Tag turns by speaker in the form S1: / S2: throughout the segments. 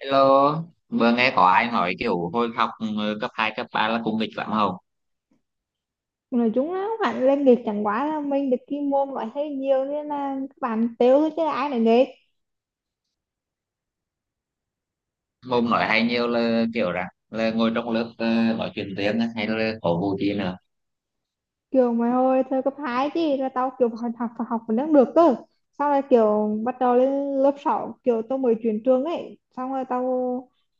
S1: Hello, vừa nghe có ai nói kiểu hồi học cấp 2 cấp 3 là cũng nghịch lắm không?
S2: Mà chúng nó không hẳn lên nghịch chẳng quá là mình được cái môn loại hay nhiều nên là các bạn tiêu thôi, chứ ai lại nghịch.
S1: Môn nói hay nhiều là kiểu rằng là ngồi trong lớp nói chuyện tiếng á, hay là có vụ gì nữa.
S2: Kiểu mày ơi, thời cấp 2 chứ là tao kiểu học học học vẫn đang được cơ. Xong rồi kiểu bắt đầu lên lớp sáu, kiểu tao mới chuyển trường ấy, xong rồi tao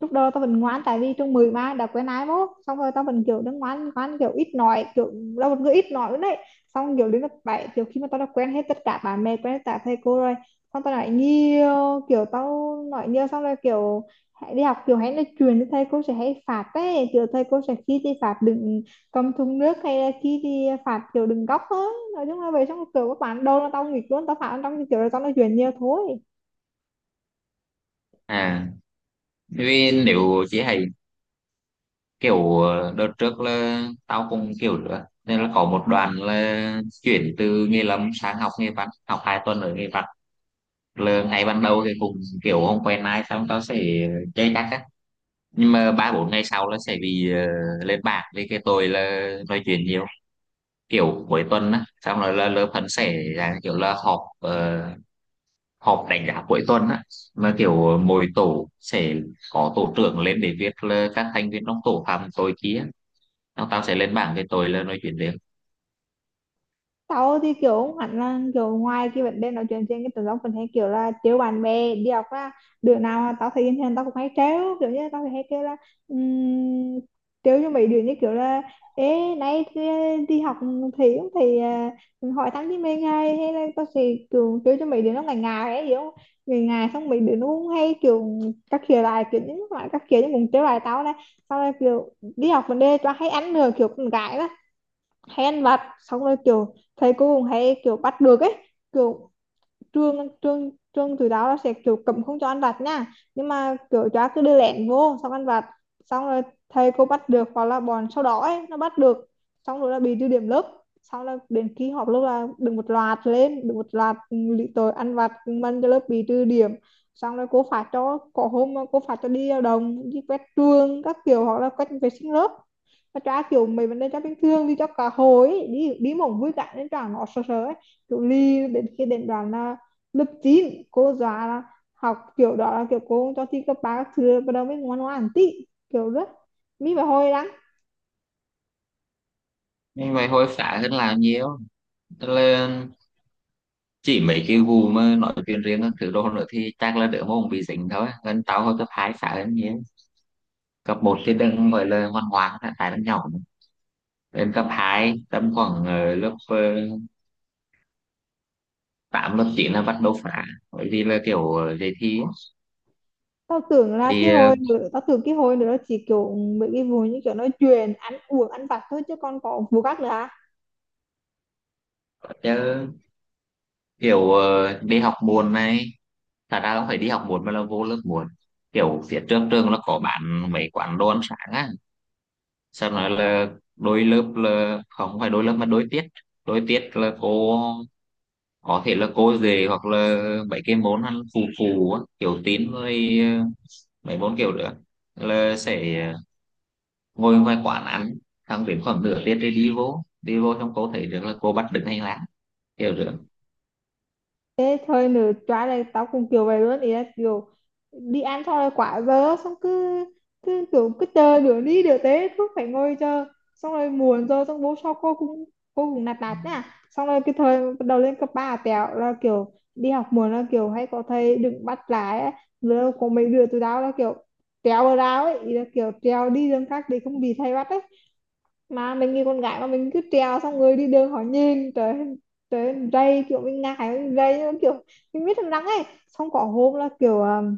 S2: lúc đầu tao vẫn ngoan, tại vì trường 10 mà đã quen ai mốt, xong rồi tao vẫn kiểu đang ngoan ngoan kiểu ít nói, kiểu là một người ít nói nữa đấy. Xong kiểu đến lớp bảy, kiểu khi mà tao đã quen hết tất cả bạn bè, quen hết cả thầy cô rồi, xong tao nói nhiều, xong rồi kiểu hãy đi học, kiểu hãy nói chuyện với thầy cô sẽ hay phạt ấy, kiểu thầy cô sẽ khi thì phạt đừng công thùng nước, hay là khi thì phạt kiểu đừng góc thôi. Nói chung là về trong kiểu các bạn đâu là tao nghịch luôn, tao phạt trong kiểu là tao nói chuyện nhiều thôi.
S1: À, vì nếu chị hay kiểu đợt trước là tao cũng kiểu nữa. Nên là có một đoàn là chuyển từ nghề lâm sang học nghề văn, học 2 tuần ở nghề văn. Là ngày ban đầu thì cũng kiểu không quen ai xong tao sẽ chơi chắc á. Nhưng mà ba bốn ngày sau là sẽ bị lên bảng vì cái tôi là nói chuyện nhiều, kiểu cuối tuần á, xong rồi là lớp phân sẽ là kiểu là họp, họp đánh giá cuối tuần á, mà kiểu mỗi tổ sẽ có tổ trưởng lên để viết là các thành viên trong tổ phạm tội kia, nó tao sẽ lên bảng cái tội là nói chuyện riêng.
S2: Tao thì kiểu không hẳn là kiểu ngoài cái vấn đề nói chuyện trên cái tụi nó, mình hay kiểu là trêu bạn bè đi học á. Đứa nào mà tao thấy bình thường tao cũng hay trêu, kiểu như tao thì hay kêu là um, trêu cho mấy đứa như kiểu là ê nay đi đi học, thì không thì hỏi thăm với mình, hay hay là tao sẽ kiểu trêu cho mấy đứa nó ngại ngại ấy, hiểu không. Ngại ngại xong mấy đứa nó cũng hay kiểu các kiểu lại, kiểu những loại các kiểu như muốn trêu lại tao này. Sau này kiểu đi học vấn đề cho hay ăn nữa, kiểu con gái đó hay ăn vặt, xong rồi kiểu thầy cô cũng hay kiểu bắt được ấy, kiểu trương trương trương từ đó là sẽ kiểu cấm không cho ăn vặt nha. Nhưng mà kiểu chó cứ đưa lẹn vô xong ăn vặt, xong rồi thầy cô bắt được hoặc là bọn sau đó ấy, nó bắt được, xong rồi là bị trừ điểm lớp. Xong là đến khi họp lớp là được một loạt lên, được một loạt lý tội ăn vặt mân cho lớp bị trừ điểm. Xong rồi cô phạt cho, có hôm cô phạt cho đi lao động, đi quét trường các kiểu, hoặc là quét vệ sinh lớp. Mà trả kiểu mấy vấn đề cho bình thường đi cho cả hồi ấy, đi đi mỏng vui cả nên trả nó sợ sợ ấy, kiểu ly đến khi đến đoàn là lớp 9 cô dọa là học kiểu đó là kiểu cô cho thi cấp ba các thứ, bắt đầu mới ngoan ngoãn tí, kiểu rất mi và hồi lắm.
S1: Nhưng vậy hối phá hơn là nhiều. Tức là chỉ mấy cái vụ mà nói chuyện riêng các thứ đồ nữa thì chắc là đỡ mong bị dính thôi, nên tao hồi cấp hai phá hơn nhiều. Cấp một thì đừng gọi là ngoan ngoãn, tại đang nhỏ. Lên cấp hai tầm khoảng lớp tám lớp chín là bắt đầu phá, bởi vì là kiểu đề thi ấy. Thì
S2: Tao tưởng cái hồi nữa nó chỉ kiểu mấy cái vụ như kiểu nói chuyện ăn uống ăn vặt thôi, chứ còn có vụ khác nữa à.
S1: kiểu đi học muộn này, thật ra không phải đi học muộn mà là vô lớp muộn. Kiểu phía trước trường nó có bán mấy quán đồ ăn sáng á, sau nói là đôi lớp, là không phải đôi lớp mà đôi tiết. Đôi tiết là cô có thể là cô về hoặc là mấy cái môn ăn phù phù á, kiểu tín với mấy môn kiểu nữa, là sẽ ngồi ngoài quán ăn, thằng đến khoảng nửa tiếng thì đi vô trong cô thấy được là cô bắt đứng hành lang kiểu được.
S2: Thế thôi nữa tróa này tao cũng kiểu vậy luôn, ý là kiểu đi ăn xong rồi quả giờ xong cứ cứ kiểu cứ chờ nửa đi nửa tế, cứ phải ngồi chờ, xong rồi muộn rồi, xong bố sau cô cũng nạt nạt nha. Xong rồi cái thời bắt đầu lên cấp ba tẹo là kiểu đi học muộn là kiểu hay có thầy đừng bắt lái á. Rồi có mấy đứa tụi tao là kiểu trèo vào rào ấy, ý là kiểu trèo đi đường khác để không bị thầy bắt ấy. Mà mình như con gái mà mình cứ trèo, xong người đi đường họ nhìn, trời trời rây kiểu mình ngại, mình rây, nhưng mà kiểu mình biết thằng răng ấy. Xong có hôm là kiểu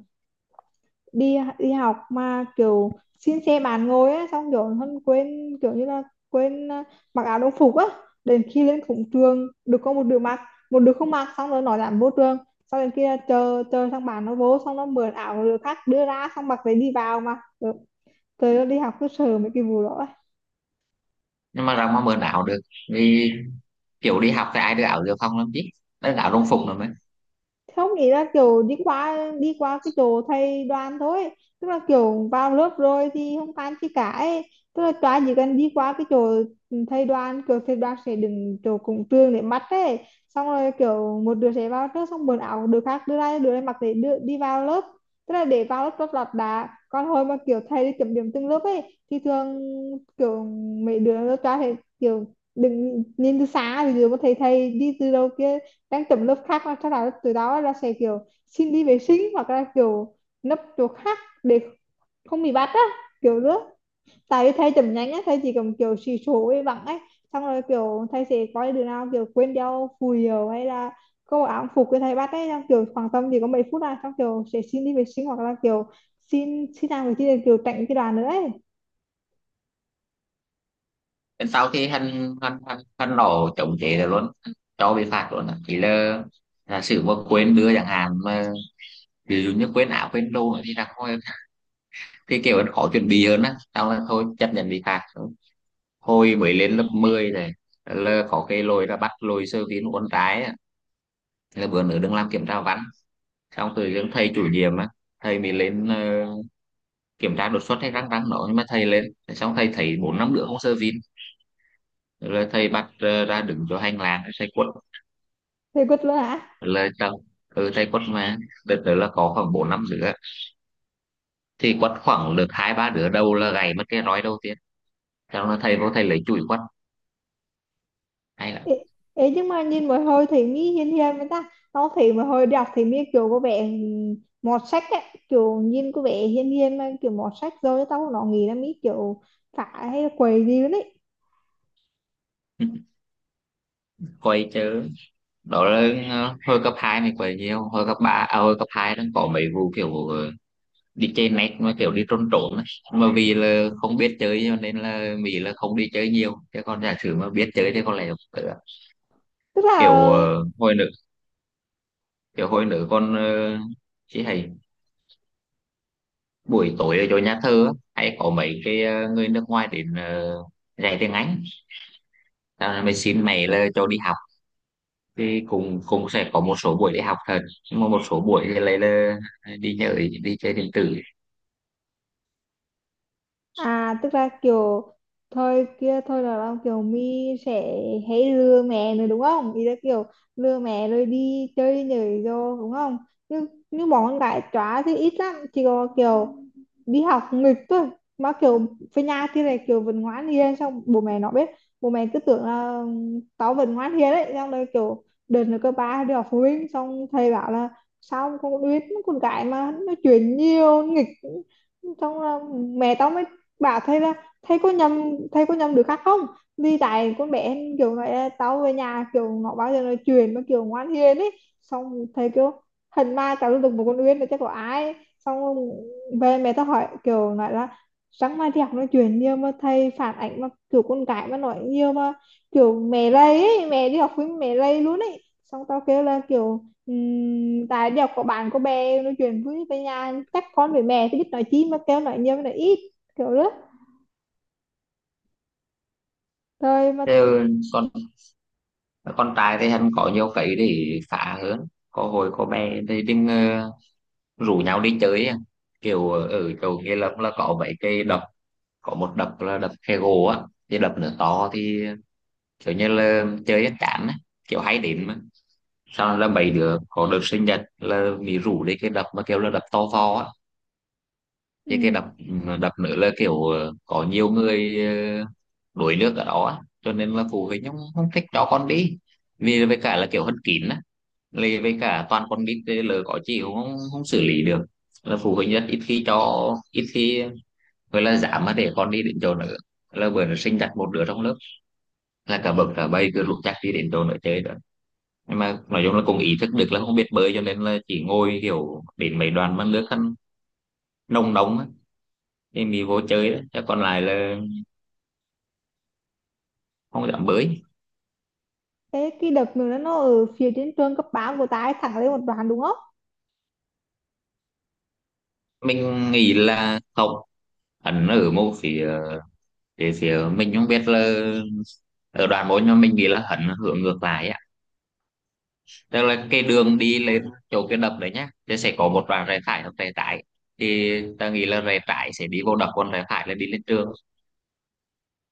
S2: đi đi học mà kiểu xin xe bàn ngồi á, xong kiểu hơn quên kiểu như là quên mặc áo đồng phục á. Đến khi lên cổng trường được có một đứa mặc, một đứa không mặc, xong rồi nó dám vô trường, xong đến kia chờ chờ thằng bạn nó vô, xong nó mượn áo của đứa khác đưa ra, xong mặc lấy đi vào mà. Trời ơi, đi học cứ sợ mấy cái vụ đó
S1: Nhưng mà rằng mà mượn áo được, vì kiểu đi học thì ai đưa áo dự phòng làm chứ, đấy là áo
S2: ấy.
S1: đồng phục rồi mới.
S2: Không, ý là kiểu đi qua cái chỗ thầy đoàn thôi, tức là kiểu vào lớp rồi thì không tan chi cả ấy. Tức là tòa chỉ cần đi qua cái chỗ thầy đoàn, kiểu thầy đoàn sẽ đứng chỗ cổng trường để mắt ấy, xong rồi kiểu một đứa sẽ vào trước, xong quần áo đứa khác đưa ra, đứa này mặc để đưa, đi vào lớp. Tức là để vào lớp rất là đã. Còn hồi mà kiểu thầy đi kiểm điểm từng lớp ấy thì thường kiểu mấy đứa lớp tòa thì kiểu đừng nhìn từ xa, thì đứa mà thầy thầy đi từ đầu kia đang tùm lớp khác, mà sau đó từ đó là sẽ kiểu xin đi vệ sinh hoặc là kiểu nấp chỗ khác để không bị bắt á, kiểu nữa. Tại vì thầy chậm nhanh á, thầy chỉ cầm kiểu xì số ấy vắng ấy, xong rồi kiểu thầy sẽ có đứa nào kiểu quên đeo phù hiệu hay là có áo phục cái thầy bắt ấy, xong kiểu khoảng tầm chỉ có mấy phút là xong, kiểu sẽ xin đi vệ sinh hoặc là kiểu xin xin làm cái gì để kiểu tránh cái đoàn nữa ấy.
S1: Đến sau khi hắn hắn hắn hắn nổ chống chế rồi luôn cho bị phạt luôn á. Chỉ là sự mà quên đưa chẳng hạn mà, ví dụ như quên áo quên đồ thì là thôi, thì kiểu khó chuẩn bị hơn á, xong là thôi chấp nhận bị phạt. Thôi mới lên lớp 10 này là có cái lỗi là bắt lỗi sơ tín uốn trái. Thế là bữa nữa đừng làm kiểm tra văn, xong tự dưng thầy chủ nhiệm á, thầy mình lên kiểm tra đột xuất hay răng răng nó, nhưng mà thầy lên. Thế xong thầy thấy bốn năm đứa không sơ vin, rồi thầy bắt ra đứng cho hành lang thầy quất.
S2: Thầy quất luôn hả.
S1: Rồi là chào, thầy quất mà. Đợt đó là có khoảng bốn năm đứa, thì quất khoảng được hai ba đứa đầu là gãy mất cái roi đầu tiên, xong là thầy vô thầy lấy chùi quất hay là
S2: Ê, ê, nhưng mà nhìn một hồi thì mi hiền hiền mà ta. Tao thấy một hồi đọc thì mi kiểu có vẻ mọt sách ấy, kiểu nhìn có vẻ hiền hiền mà kiểu mọt sách, rồi tao nó nghĩ là mi kiểu phải hay quậy gì đấy.
S1: quay chứ. Đó là hồi cấp 2 mình quay nhiều hồi cấp 3, à, hồi cấp 2 đang có mấy vụ kiểu đi chơi net mà kiểu đi trốn trốn ấy. Mà vì là không biết chơi cho nên là Mỹ là không đi chơi nhiều, chứ còn giả sử mà biết chơi thì có lẽ là
S2: Tức là
S1: kiểu hồi nữa kiểu hồi nữa con chị hay buổi tối ở chỗ nhà thơ á, hay có mấy cái người nước ngoài đến dạy tiếng Anh. Tao là mình xin mẹ là cho đi học, thì cũng cũng sẽ có một số buổi đi học thật, nhưng mà một số buổi thì lại là đi nhờ đi chơi điện tử.
S2: À tức là kiểu thôi kia, thôi là kiểu mi sẽ hãy lừa mẹ nữa đúng không? Ý là kiểu lừa mẹ rồi đi chơi nhảy vô đúng không? Nhưng bọn con gái chóa thì ít lắm, chỉ có kiểu đi học nghịch thôi. Mà kiểu về nhà thì này kiểu vẫn ngoan hiền, xong bố mẹ nó biết, bố mẹ cứ tưởng là tao vẫn ngoan hiền đấy. Xong rồi kiểu đợt nữa cơ ba đi học phụ huynh, xong thầy bảo là sao con biết con gái mà nó chuyện nhiều nghịch. Xong là mẹ tao mới bảo thấy là thấy có nhầm, đứa khác không, vì tại con bé em kiểu nói là tao về nhà kiểu nó bao giờ nói chuyện mà kiểu ngoan hiền ấy. Xong thầy kiểu hình ma tao luôn, được một con Uyên là chắc có ai. Xong về mẹ tao hỏi kiểu nói là sáng mai đi học nói chuyện nhiều mà thầy phản ảnh, mà kiểu con gái mà nói nhiều mà kiểu mẹ lây ấy, mẹ đi học với mẹ lây luôn ấy. Xong tao kêu là kiểu tại đi học có bạn có bè nói chuyện với, về nhà chắc con với mẹ thì biết nói chi mà kêu nói nhiều với nói ít, kiểu đó. Rồi mà
S1: Thế còn con trai thì hắn có nhiều cái để phá hơn. Có hồi có bé thì đừng rủ nhau đi chơi á. Kiểu ở chỗ Nghĩa Lâm là có mấy cái đập, có một đập là đập khe gỗ á, cái đập nữa to thì kiểu như là chơi hết chán á, kiểu hay đến mà. Sau là mấy đứa có đợt sinh nhật là bị rủ đi cái đập mà kiểu là đập to to á, cái
S2: ừ.
S1: đập đập nữa là kiểu có nhiều người ờ, đuổi nước ở đó á. Cho nên là phụ huynh không thích cho con đi, vì với cả là kiểu hân kín á. Lì với cả toàn con nít thì lỡ có chị cũng không xử lý được, là phụ huynh rất ít khi cho, ít khi gọi là dám mà để con đi đến chỗ nữa. Là bữa nó sinh đặt một đứa trong lớp là cả bậc cả bay cứ lục chắc đi đến chỗ nữa chơi đó. Nhưng mà nói chung là cũng ý thức được là không biết bơi, cho nên là chỉ ngồi kiểu đến mấy đoàn mà nước khăn nông nóng á thì mình vô chơi đó, chứ còn lại là không dám bơi.
S2: Thế cái đợt nữa nó ở phía trên trường cấp 3 của ta ấy, thẳng lên một đoạn đúng không?
S1: Mình nghĩ là không, hắn ở một phía. Phía mình không biết là ở đoàn bốn, nhưng mà mình nghĩ là hắn hướng ngược lại á. Tức là cái đường đi lên chỗ cái đập đấy nhá, thì sẽ có một đoạn rẽ phải hoặc rẽ trái, thì ta nghĩ là rẽ trái sẽ đi vô đập, còn rẽ phải là đi lên trường.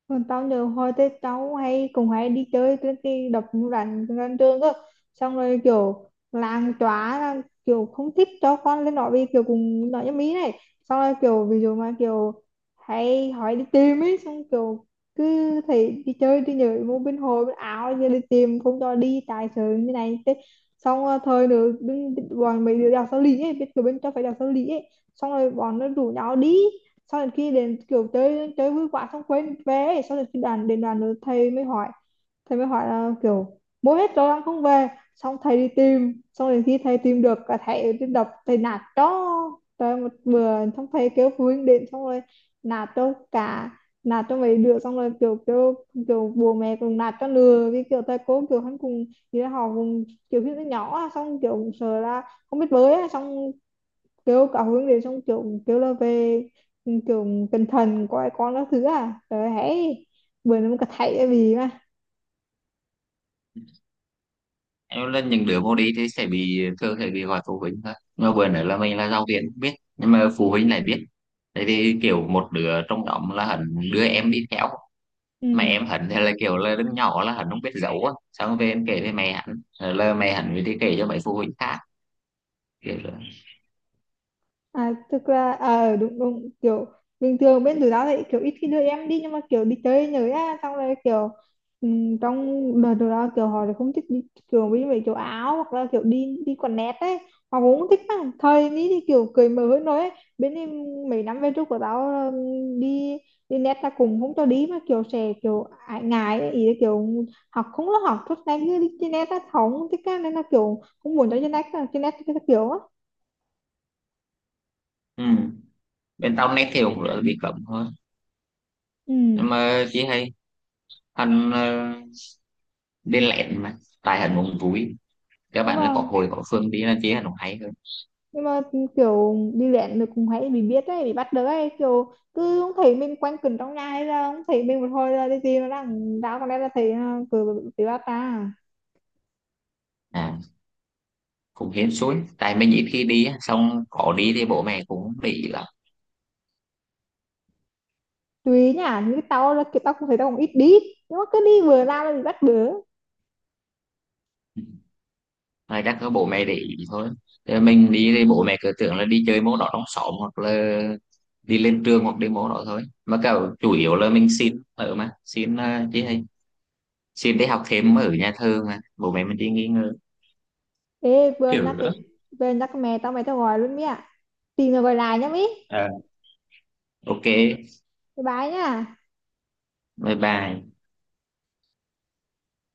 S2: Còn tao nhớ hồi tết cháu hay cũng hay đi chơi cái đập rắn gần trường cơ, xong rồi kiểu làng chóa là kiểu không thích cho con lên đó vì kiểu cùng nói nhâm ý này. Xong rồi kiểu ví dụ mà kiểu hay hỏi đi tìm ấy, xong kiểu cứ thấy đi chơi đi nhảy mua bên hồ bên áo, giờ đi tìm không cho đi tài sự như này thế. Xong rồi thời nữa đứng bọn mấy đứa đèo sao lý ấy biết kiểu bên cho phải đèo sao lý ấy. Xong rồi bọn nó rủ nhau đi, sau đến khi đến kiểu chơi chơi vui quá xong quên vé. Sau đến khi đàn đến đàn nữa thầy mới hỏi, là kiểu bố hết rồi đang không về. Xong thầy đi tìm, xong đến khi thầy tìm được cả thầy đi đập, thầy nạt cho trời một bữa. Xong thầy kêu phụ huynh đến xong rồi nạt cho cả nạt cho mấy đứa, xong rồi kiểu kiểu kiểu bố mẹ cùng nạt cho lừa, vì kiểu thầy cô kiểu hắn cùng như là họ cùng kiểu khi nó nhỏ, xong kiểu sợ là không biết bơi, xong kiểu cậu hướng điều, xong kiểu kiểu là về kiểu tinh thần của con các thứ, à rồi hãy bữa nó có thấy cái gì mà.
S1: Em là những đứa vô đi thì sẽ bị, thường sẽ bị gọi phụ huynh thôi, mà vừa nữa là mình là giáo viên biết, nhưng mà phụ huynh lại biết, tại thì kiểu một đứa trong nhóm là hẳn đưa em đi theo. Mà em
S2: Ừ.
S1: hẳn thì là kiểu là đứa nhỏ, là hẳn không biết giấu á, xong về em kể với mẹ hẳn. Rồi là mẹ hẳn mới đi kể cho mấy phụ huynh khác, kiểu là
S2: À, thực ra à, đúng đúng kiểu bình thường bên tụi tao thì kiểu ít khi đưa em đi nhưng mà kiểu đi chơi nhớ á, xong rồi kiểu trong đời tụi tao kiểu họ thì không thích đi, kiểu với mấy kiểu áo hoặc là kiểu đi đi quần nét ấy họ cũng không thích lắm, thời ní thì kiểu cười mở hơn nói ấy. Bên em mấy năm về trước của tao đi đi nét là cũng không cho đi, mà kiểu sẽ kiểu ải ngại ấy. Ý là kiểu học không có học tốt nhanh như đi trên nét á, họ không thích á, nên là kiểu không muốn cho trên nét, trên nét cái kiểu á.
S1: ừ. Bên tao nét thì cũng bị cấm thôi,
S2: Ừ.
S1: nhưng mà chị hay Hân bên lẹn mà tài Hân cũng vui, các
S2: nhưng
S1: bạn là có
S2: mà
S1: hồi có Phương đi là chế Hân cũng hay hơn.
S2: nhưng mà kiểu đi luyện được cũng hay bị biết đấy, bị bắt được ấy, kiểu cứ không thấy mình quanh quẩn trong nhà, hay là không thấy mình một hồi là cái gì nó đang đau, còn đây là thấy nó cứ bị bắt ta.
S1: À, cũng hên suối tại mình ít khi đi, xong có đi thì bộ mẹ cũng để ý lắm.
S2: Tùy nhá, như tao là kiểu tao cũng thấy tao cũng ít đi, nhưng mà cứ đi vừa ra là bị bắt bớ.
S1: Mà chắc có bộ mẹ để ý thôi. Thế mình đi thì bộ mẹ cứ tưởng là đi chơi môn đó trong xóm hoặc là đi lên trường hoặc đi môn đó thôi, mà cả chủ yếu là mình xin ở mà xin, chứ hay xin để học thêm ở nhà thơ mà bộ mẹ mình đi nghỉ ngơi
S2: Ê vừa
S1: kiểu
S2: nhắc
S1: nữa.
S2: đến vừa nhắc mẹ tao mày, tao gọi luôn mía, tìm rồi gọi lại nhá mỹ.
S1: Ờ, ok,
S2: Bye bye nhá.
S1: bye bye.